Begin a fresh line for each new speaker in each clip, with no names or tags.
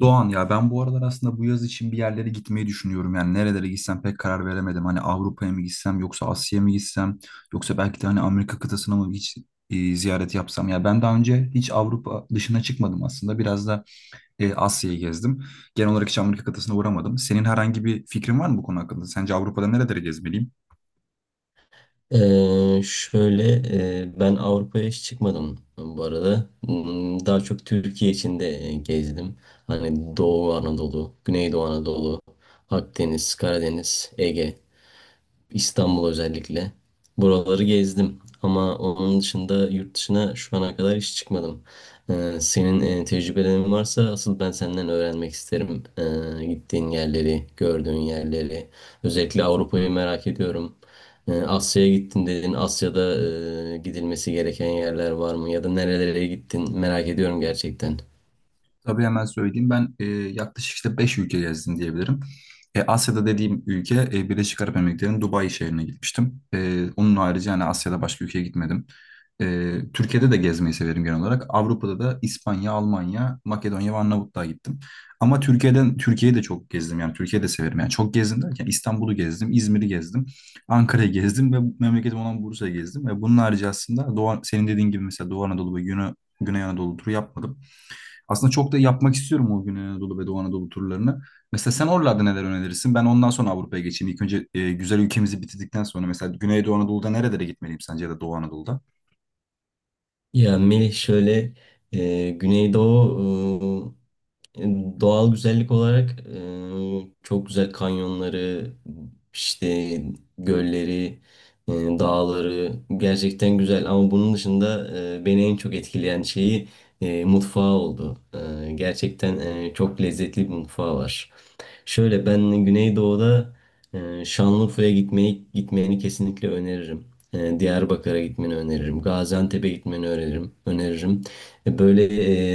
Doğan ya ben bu aralar aslında bu yaz için bir yerlere gitmeyi düşünüyorum. Yani nerelere gitsem pek karar veremedim. Hani Avrupa'ya mı gitsem yoksa Asya'ya mı gitsem yoksa belki de hani Amerika kıtasına mı hiç ziyaret yapsam. Ya ben daha önce hiç Avrupa dışına çıkmadım aslında. Biraz da Asya'yı gezdim. Genel olarak hiç Amerika kıtasına uğramadım. Senin herhangi bir fikrin var mı bu konu hakkında? Sence Avrupa'da nerelere gezmeliyim?
Şöyle, ben Avrupa'ya hiç çıkmadım bu arada. Daha çok Türkiye içinde gezdim. Hani Doğu Anadolu, Güneydoğu Anadolu, Akdeniz, Karadeniz, Ege. İstanbul özellikle. Buraları gezdim ama onun dışında yurt dışına şu ana kadar hiç çıkmadım. Senin tecrübelerin varsa asıl ben senden öğrenmek isterim. Gittiğin yerleri, gördüğün yerleri. Özellikle Avrupa'yı merak ediyorum. Asya'ya gittin dedin. Asya'da gidilmesi gereken yerler var mı? Ya da nerelere gittin? Merak ediyorum gerçekten.
Tabii hemen söyleyeyim. Ben yaklaşık işte 5 ülke gezdim diyebilirim. Asya'da dediğim ülke Birleşik Arap Emirlikleri'nin Dubai şehrine gitmiştim. Onun harici yani Asya'da başka ülkeye gitmedim. Türkiye'de de gezmeyi severim genel olarak. Avrupa'da da İspanya, Almanya, Makedonya ve Arnavutluğa gittim. Ama Türkiye'den Türkiye'yi de çok gezdim yani Türkiye'yi de severim. Yani çok gezdim derken İstanbul'u gezdim, İzmir'i gezdim, Ankara'yı gezdim ve memleketim olan Bursa'yı gezdim. Ve bunun harici aslında Doğu, senin dediğin gibi mesela Doğu Anadolu ve Güney Anadolu turu yapmadım. Aslında çok da yapmak istiyorum o Güney Anadolu ve Doğu Anadolu turlarını. Mesela sen oralarda neler önerirsin? Ben ondan sonra Avrupa'ya geçeyim. İlk önce güzel ülkemizi bitirdikten sonra mesela Güney Doğu Anadolu'da nerelere gitmeliyim sence ya da Doğu Anadolu'da?
Ya Melih, şöyle, Güneydoğu. E, Doğal güzellik olarak çok güzel kanyonları, işte gölleri, dağları gerçekten güzel. Ama bunun dışında, beni en çok etkileyen şeyi, mutfağı oldu. Gerçekten, çok lezzetli bir mutfağı var. Şöyle ben Güneydoğu'da, Şanlıurfa'ya gitmeni kesinlikle öneririm. Diyarbakır'a gitmeni öneririm. Gaziantep'e gitmeni öneririm. Öneririm. Böyle,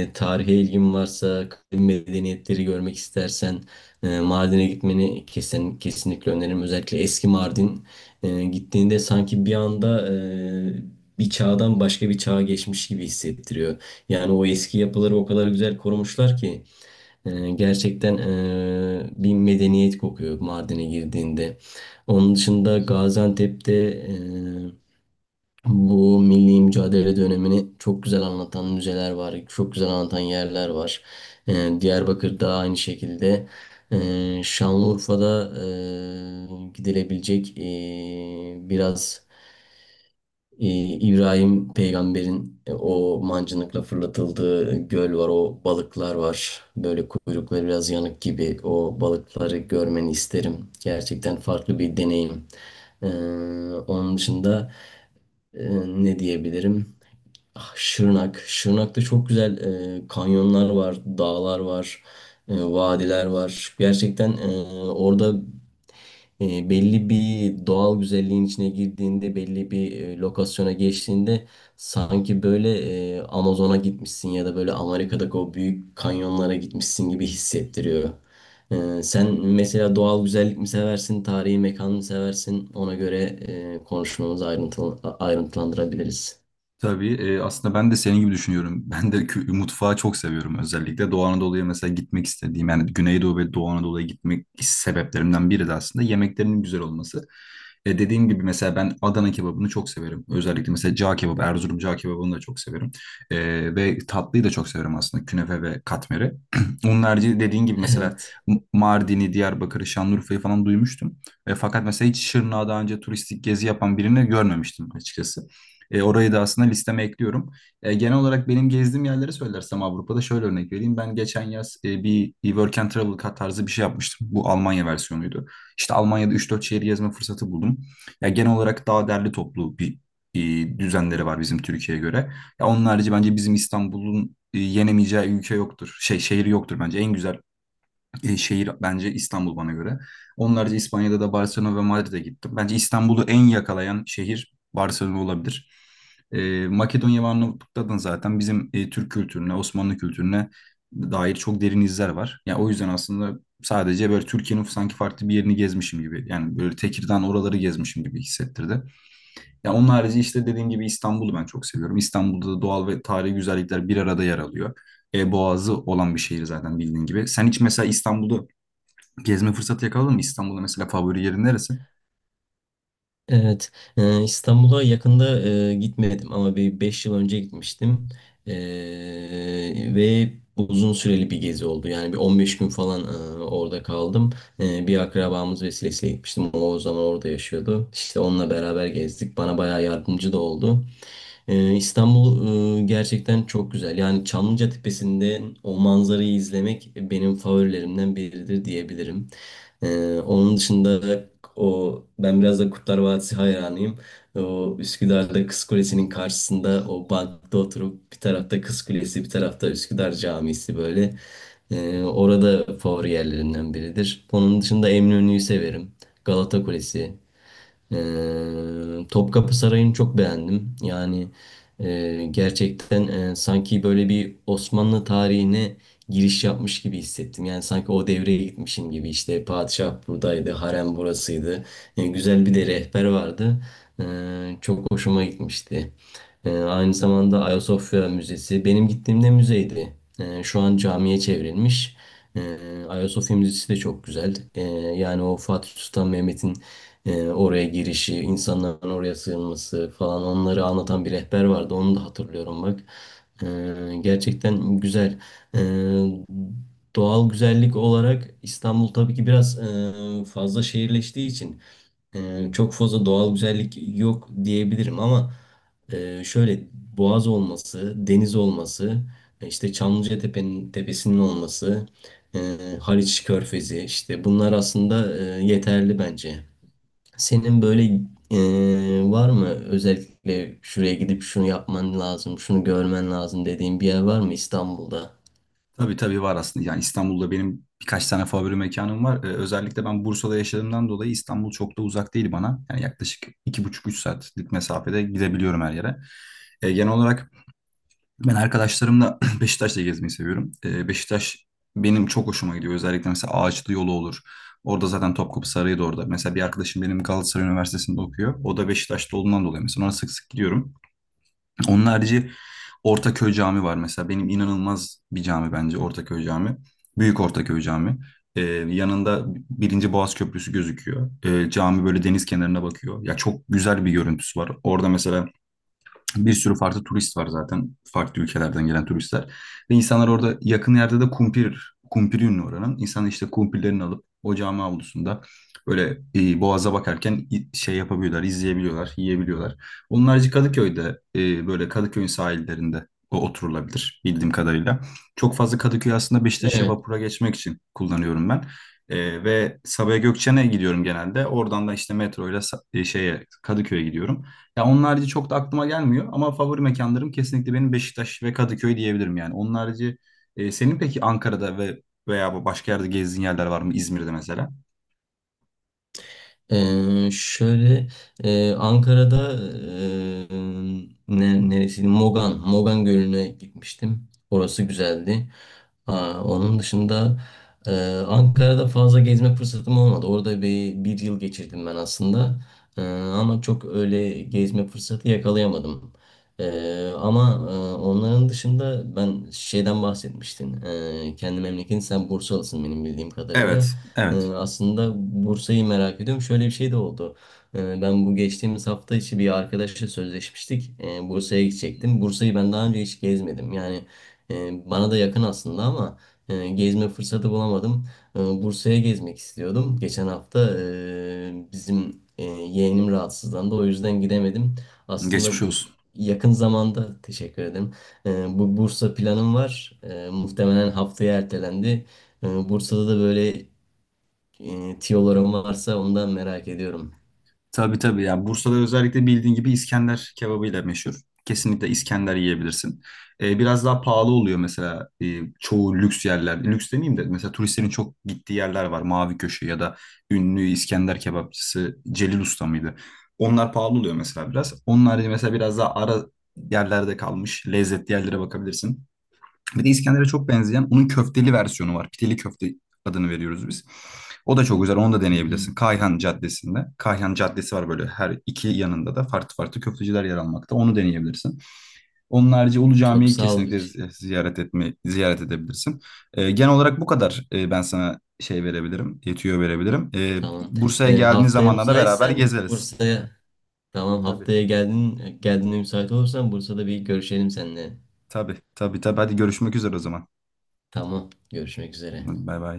tarihe ilgin varsa, kadim medeniyetleri görmek istersen, Mardin'e gitmeni kesinlikle öneririm. Özellikle eski Mardin, gittiğinde sanki bir anda, bir çağdan başka bir çağa geçmiş gibi hissettiriyor. Yani o eski yapıları o kadar güzel korumuşlar ki. Gerçekten, bir medeniyet kokuyor Mardin'e girdiğinde. Onun dışında Gaziantep'te, bu milli mücadele dönemini çok güzel anlatan müzeler var, çok güzel anlatan yerler var. Diyarbakır'da aynı şekilde. Şanlıurfa'da, gidilebilecek, biraz, İbrahim peygamberin o mancınıkla fırlatıldığı göl var, o balıklar var. Böyle kuyrukları biraz yanık gibi o balıkları görmeni isterim. Gerçekten farklı bir deneyim. Ee, Onun dışında, e, ne diyebilirim? Ah, Şırnak. Şırnak'ta çok güzel kanyonlar var, dağlar var, vadiler var. Gerçekten, orada, belli bir doğal güzelliğin içine girdiğinde, belli bir lokasyona geçtiğinde sanki böyle, Amazon'a gitmişsin ya da böyle Amerika'daki o büyük kanyonlara gitmişsin gibi hissettiriyor. Sen mesela doğal güzellik mi seversin, tarihi mekan mı seversin? Ona göre, konuşmamızı ayrıntılandırabiliriz.
Tabii aslında ben de senin gibi düşünüyorum. Ben de mutfağı çok seviyorum özellikle. Doğu Anadolu'ya mesela gitmek istediğim yani Güneydoğu ve Doğu Anadolu'ya gitmek sebeplerimden biri de aslında yemeklerinin güzel olması. Dediğim gibi mesela ben Adana kebabını çok severim. Özellikle mesela cağ kebabı, Erzurum cağ kebabını da çok severim. E, Ve tatlıyı da çok severim aslında künefe ve katmeri. Onun harici dediğin gibi mesela
Evet.
Mardin'i, Diyarbakır'ı, Şanlıurfa'yı falan duymuştum. Fakat mesela hiç Şırnak'a daha önce turistik gezi yapan birini görmemiştim açıkçası. Orayı da aslında listeme ekliyorum. Genel olarak benim gezdiğim yerleri söylersem Avrupa'da şöyle örnek vereyim. Ben geçen yaz bir Work and Travel kat tarzı bir şey yapmıştım. Bu Almanya versiyonuydu. İşte Almanya'da 3-4 şehir gezme fırsatı buldum. Ya genel olarak daha derli toplu bir düzenleri var bizim Türkiye'ye göre. Ya onun harici bence bizim İstanbul'un yenemeyeceği ülke yoktur. Şey şehri yoktur bence. En güzel şehir bence İstanbul bana göre. Onlarca İspanya'da da Barcelona ve Madrid'e gittim. Bence İstanbul'u en yakalayan şehir Barcelona olabilir. Makedonya ve Arnavutluk'ta da zaten bizim Türk kültürüne, Osmanlı kültürüne dair çok derin izler var. Yani o yüzden aslında sadece böyle Türkiye'nin sanki farklı bir yerini gezmişim gibi. Yani böyle Tekirdağ oraları gezmişim gibi hissettirdi. Ya onun harici işte dediğim gibi İstanbul'u ben çok seviyorum. İstanbul'da da doğal ve tarihi güzellikler bir arada yer alıyor. Boğazı olan bir şehir zaten bildiğin gibi. Sen hiç mesela İstanbul'da gezme fırsatı yakaladın mı? İstanbul'da mesela favori yerin neresi?
Evet, İstanbul'a yakında gitmedim ama bir 5 yıl önce gitmiştim, E, ve uzun süreli bir gezi oldu. Yani bir 15 gün falan, orada kaldım. Bir akrabamız vesilesiyle gitmiştim. O, o zaman orada yaşıyordu. İşte onunla beraber gezdik. Bana bayağı yardımcı da oldu. İstanbul gerçekten çok güzel. Yani Çamlıca Tepesi'nde o manzarayı izlemek benim favorilerimden biridir diyebilirim. Onun dışında, ben biraz da Kurtlar Vadisi hayranıyım. O Üsküdar'da Kız Kulesi'nin karşısında o bankta oturup bir tarafta Kız Kulesi bir tarafta Üsküdar Camisi böyle. Orada favori yerlerinden biridir. Onun dışında Eminönü'yü severim. Galata Kulesi. Topkapı Sarayı'nı çok beğendim. Yani, gerçekten, sanki böyle bir Osmanlı tarihine giriş yapmış gibi hissettim. Yani sanki o devreye gitmişim gibi. İşte padişah buradaydı, harem burasıydı. Güzel bir de rehber vardı. E, Çok hoşuma gitmişti. Aynı zamanda Ayasofya Müzesi benim gittiğimde müzeydi. Şu an camiye çevrilmiş. E, Ayasofya Müzesi de çok güzel. Yani o Fatih Sultan Mehmet'in oraya girişi, insanların oraya sığınması falan onları anlatan bir rehber vardı. Onu da hatırlıyorum bak. Gerçekten güzel. E, Doğal güzellik olarak İstanbul tabii ki biraz, fazla şehirleştiği için, çok fazla doğal güzellik yok diyebilirim ama, şöyle boğaz olması, deniz olması, işte Çamlıca Tepe'nin tepesinin olması, e, Haliç Körfezi işte bunlar aslında, yeterli bence. Senin böyle, var mı özellikle şuraya gidip şunu yapman lazım, şunu görmen lazım dediğin bir yer var mı İstanbul'da?
Tabii tabii var aslında. Yani İstanbul'da benim birkaç tane favori mekanım var. Özellikle ben Bursa'da yaşadığımdan dolayı İstanbul çok da uzak değil bana. Yani yaklaşık 2,5-3 saatlik mesafede gidebiliyorum her yere. Genel olarak ben arkadaşlarımla Beşiktaş'ta gezmeyi seviyorum. Beşiktaş benim çok hoşuma gidiyor. Özellikle mesela Ağaçlı yolu olur. Orada zaten Topkapı Sarayı da orada. Mesela bir arkadaşım benim Galatasaray Üniversitesi'nde okuyor. O da Beşiktaş'ta olduğundan dolayı mesela ona sık sık gidiyorum. Onun harici Ortaköy Camii var mesela. Benim inanılmaz bir cami bence Ortaköy Camii. Büyük Ortaköy Camii. Ee, Yanında Birinci Boğaz Köprüsü gözüküyor. Cami böyle deniz kenarına bakıyor. Ya çok güzel bir görüntüsü var. Orada mesela bir sürü farklı turist var zaten. Farklı ülkelerden gelen turistler. Ve insanlar orada yakın yerde de kumpir, kumpir ünlü oranın. İnsanlar işte kumpirlerini alıp o cami avlusunda böyle boğaza bakarken şey yapabiliyorlar, izleyebiliyorlar, yiyebiliyorlar. Onun harici Kadıköy'de böyle Kadıköy'ün sahillerinde o oturulabilir bildiğim kadarıyla. Çok fazla Kadıköy aslında Beşiktaş'a
Evet.
vapura geçmek için kullanıyorum ben. Ve Sabiha Gökçen'e gidiyorum genelde. Oradan da işte metro ile şeye Kadıköy'e gidiyorum. Ya onun harici çok da aklıma gelmiyor ama favori mekanlarım kesinlikle benim Beşiktaş ve Kadıköy diyebilirim yani. Onun harici senin peki Ankara'da ve veya başka yerde gezdiğin yerler var mı? İzmir'de mesela?
Şöyle, Ankara'da, neresiydi? Mogan Gölü'ne gitmiştim. Orası güzeldi. Aa, onun dışında, e, Ankara'da fazla gezme fırsatım olmadı. Orada bir yıl geçirdim ben aslında. Ama çok öyle gezme fırsatı yakalayamadım. Ama, onların dışında ben şeyden bahsetmiştin. Kendi memleketin sen Bursalısın benim bildiğim kadarıyla.
Evet, evet.
Aslında Bursa'yı merak ediyorum. Şöyle bir şey de oldu. Ben bu geçtiğimiz hafta içi bir arkadaşla sözleşmiştik. Bursa'ya gidecektim. Bursa'yı ben daha önce hiç gezmedim. Yani, bana da yakın aslında ama, gezme fırsatı bulamadım. Bursa'ya gezmek istiyordum. Geçen hafta, bizim, yeğenim rahatsızlandı. O yüzden gidemedim. Aslında
Geçmiş olsun.
yakın zamanda teşekkür ederim. Bu Bursa planım var. Muhtemelen haftaya ertelendi. Bursa'da da böyle, tiyolarım varsa ondan merak ediyorum.
Tabii tabii yani Bursa'da özellikle bildiğin gibi İskender kebabıyla meşhur. Kesinlikle İskender yiyebilirsin. Biraz daha pahalı oluyor mesela çoğu lüks yerler. Lüks demeyeyim de mesela turistlerin çok gittiği yerler var. Mavi Köşe ya da ünlü İskender kebapçısı Celil Usta mıydı? Onlar pahalı oluyor mesela biraz. Onun harici mesela biraz daha ara yerlerde kalmış lezzetli yerlere bakabilirsin. Bir de İskender'e çok benzeyen onun köfteli versiyonu var. Pideli köfte adını veriyoruz biz. O da çok güzel. Onu da
Hı hı.
deneyebilirsin. Kayhan Caddesi'nde. Kayhan Caddesi var böyle her iki yanında da farklı farklı köfteciler yer almakta. Onu deneyebilirsin. Onun harici Ulu
Çok
Cami'yi
sağ ol.
kesinlikle ziyaret edebilirsin. Genel olarak bu kadar ben sana şey verebilirim, yetiyor verebilirim.
Tamam.
Bursa'ya geldiğiniz
Haftaya
zamanlarda da beraber
müsaitsen
gezeriz.
Bursa'ya, tamam,
Tabii.
haftaya geldiğinde müsait olursan Bursa'da bir görüşelim seninle.
Tabii, tabii, tabii. Hadi görüşmek üzere o zaman.
Tamam. Görüşmek üzere.
Bay bay.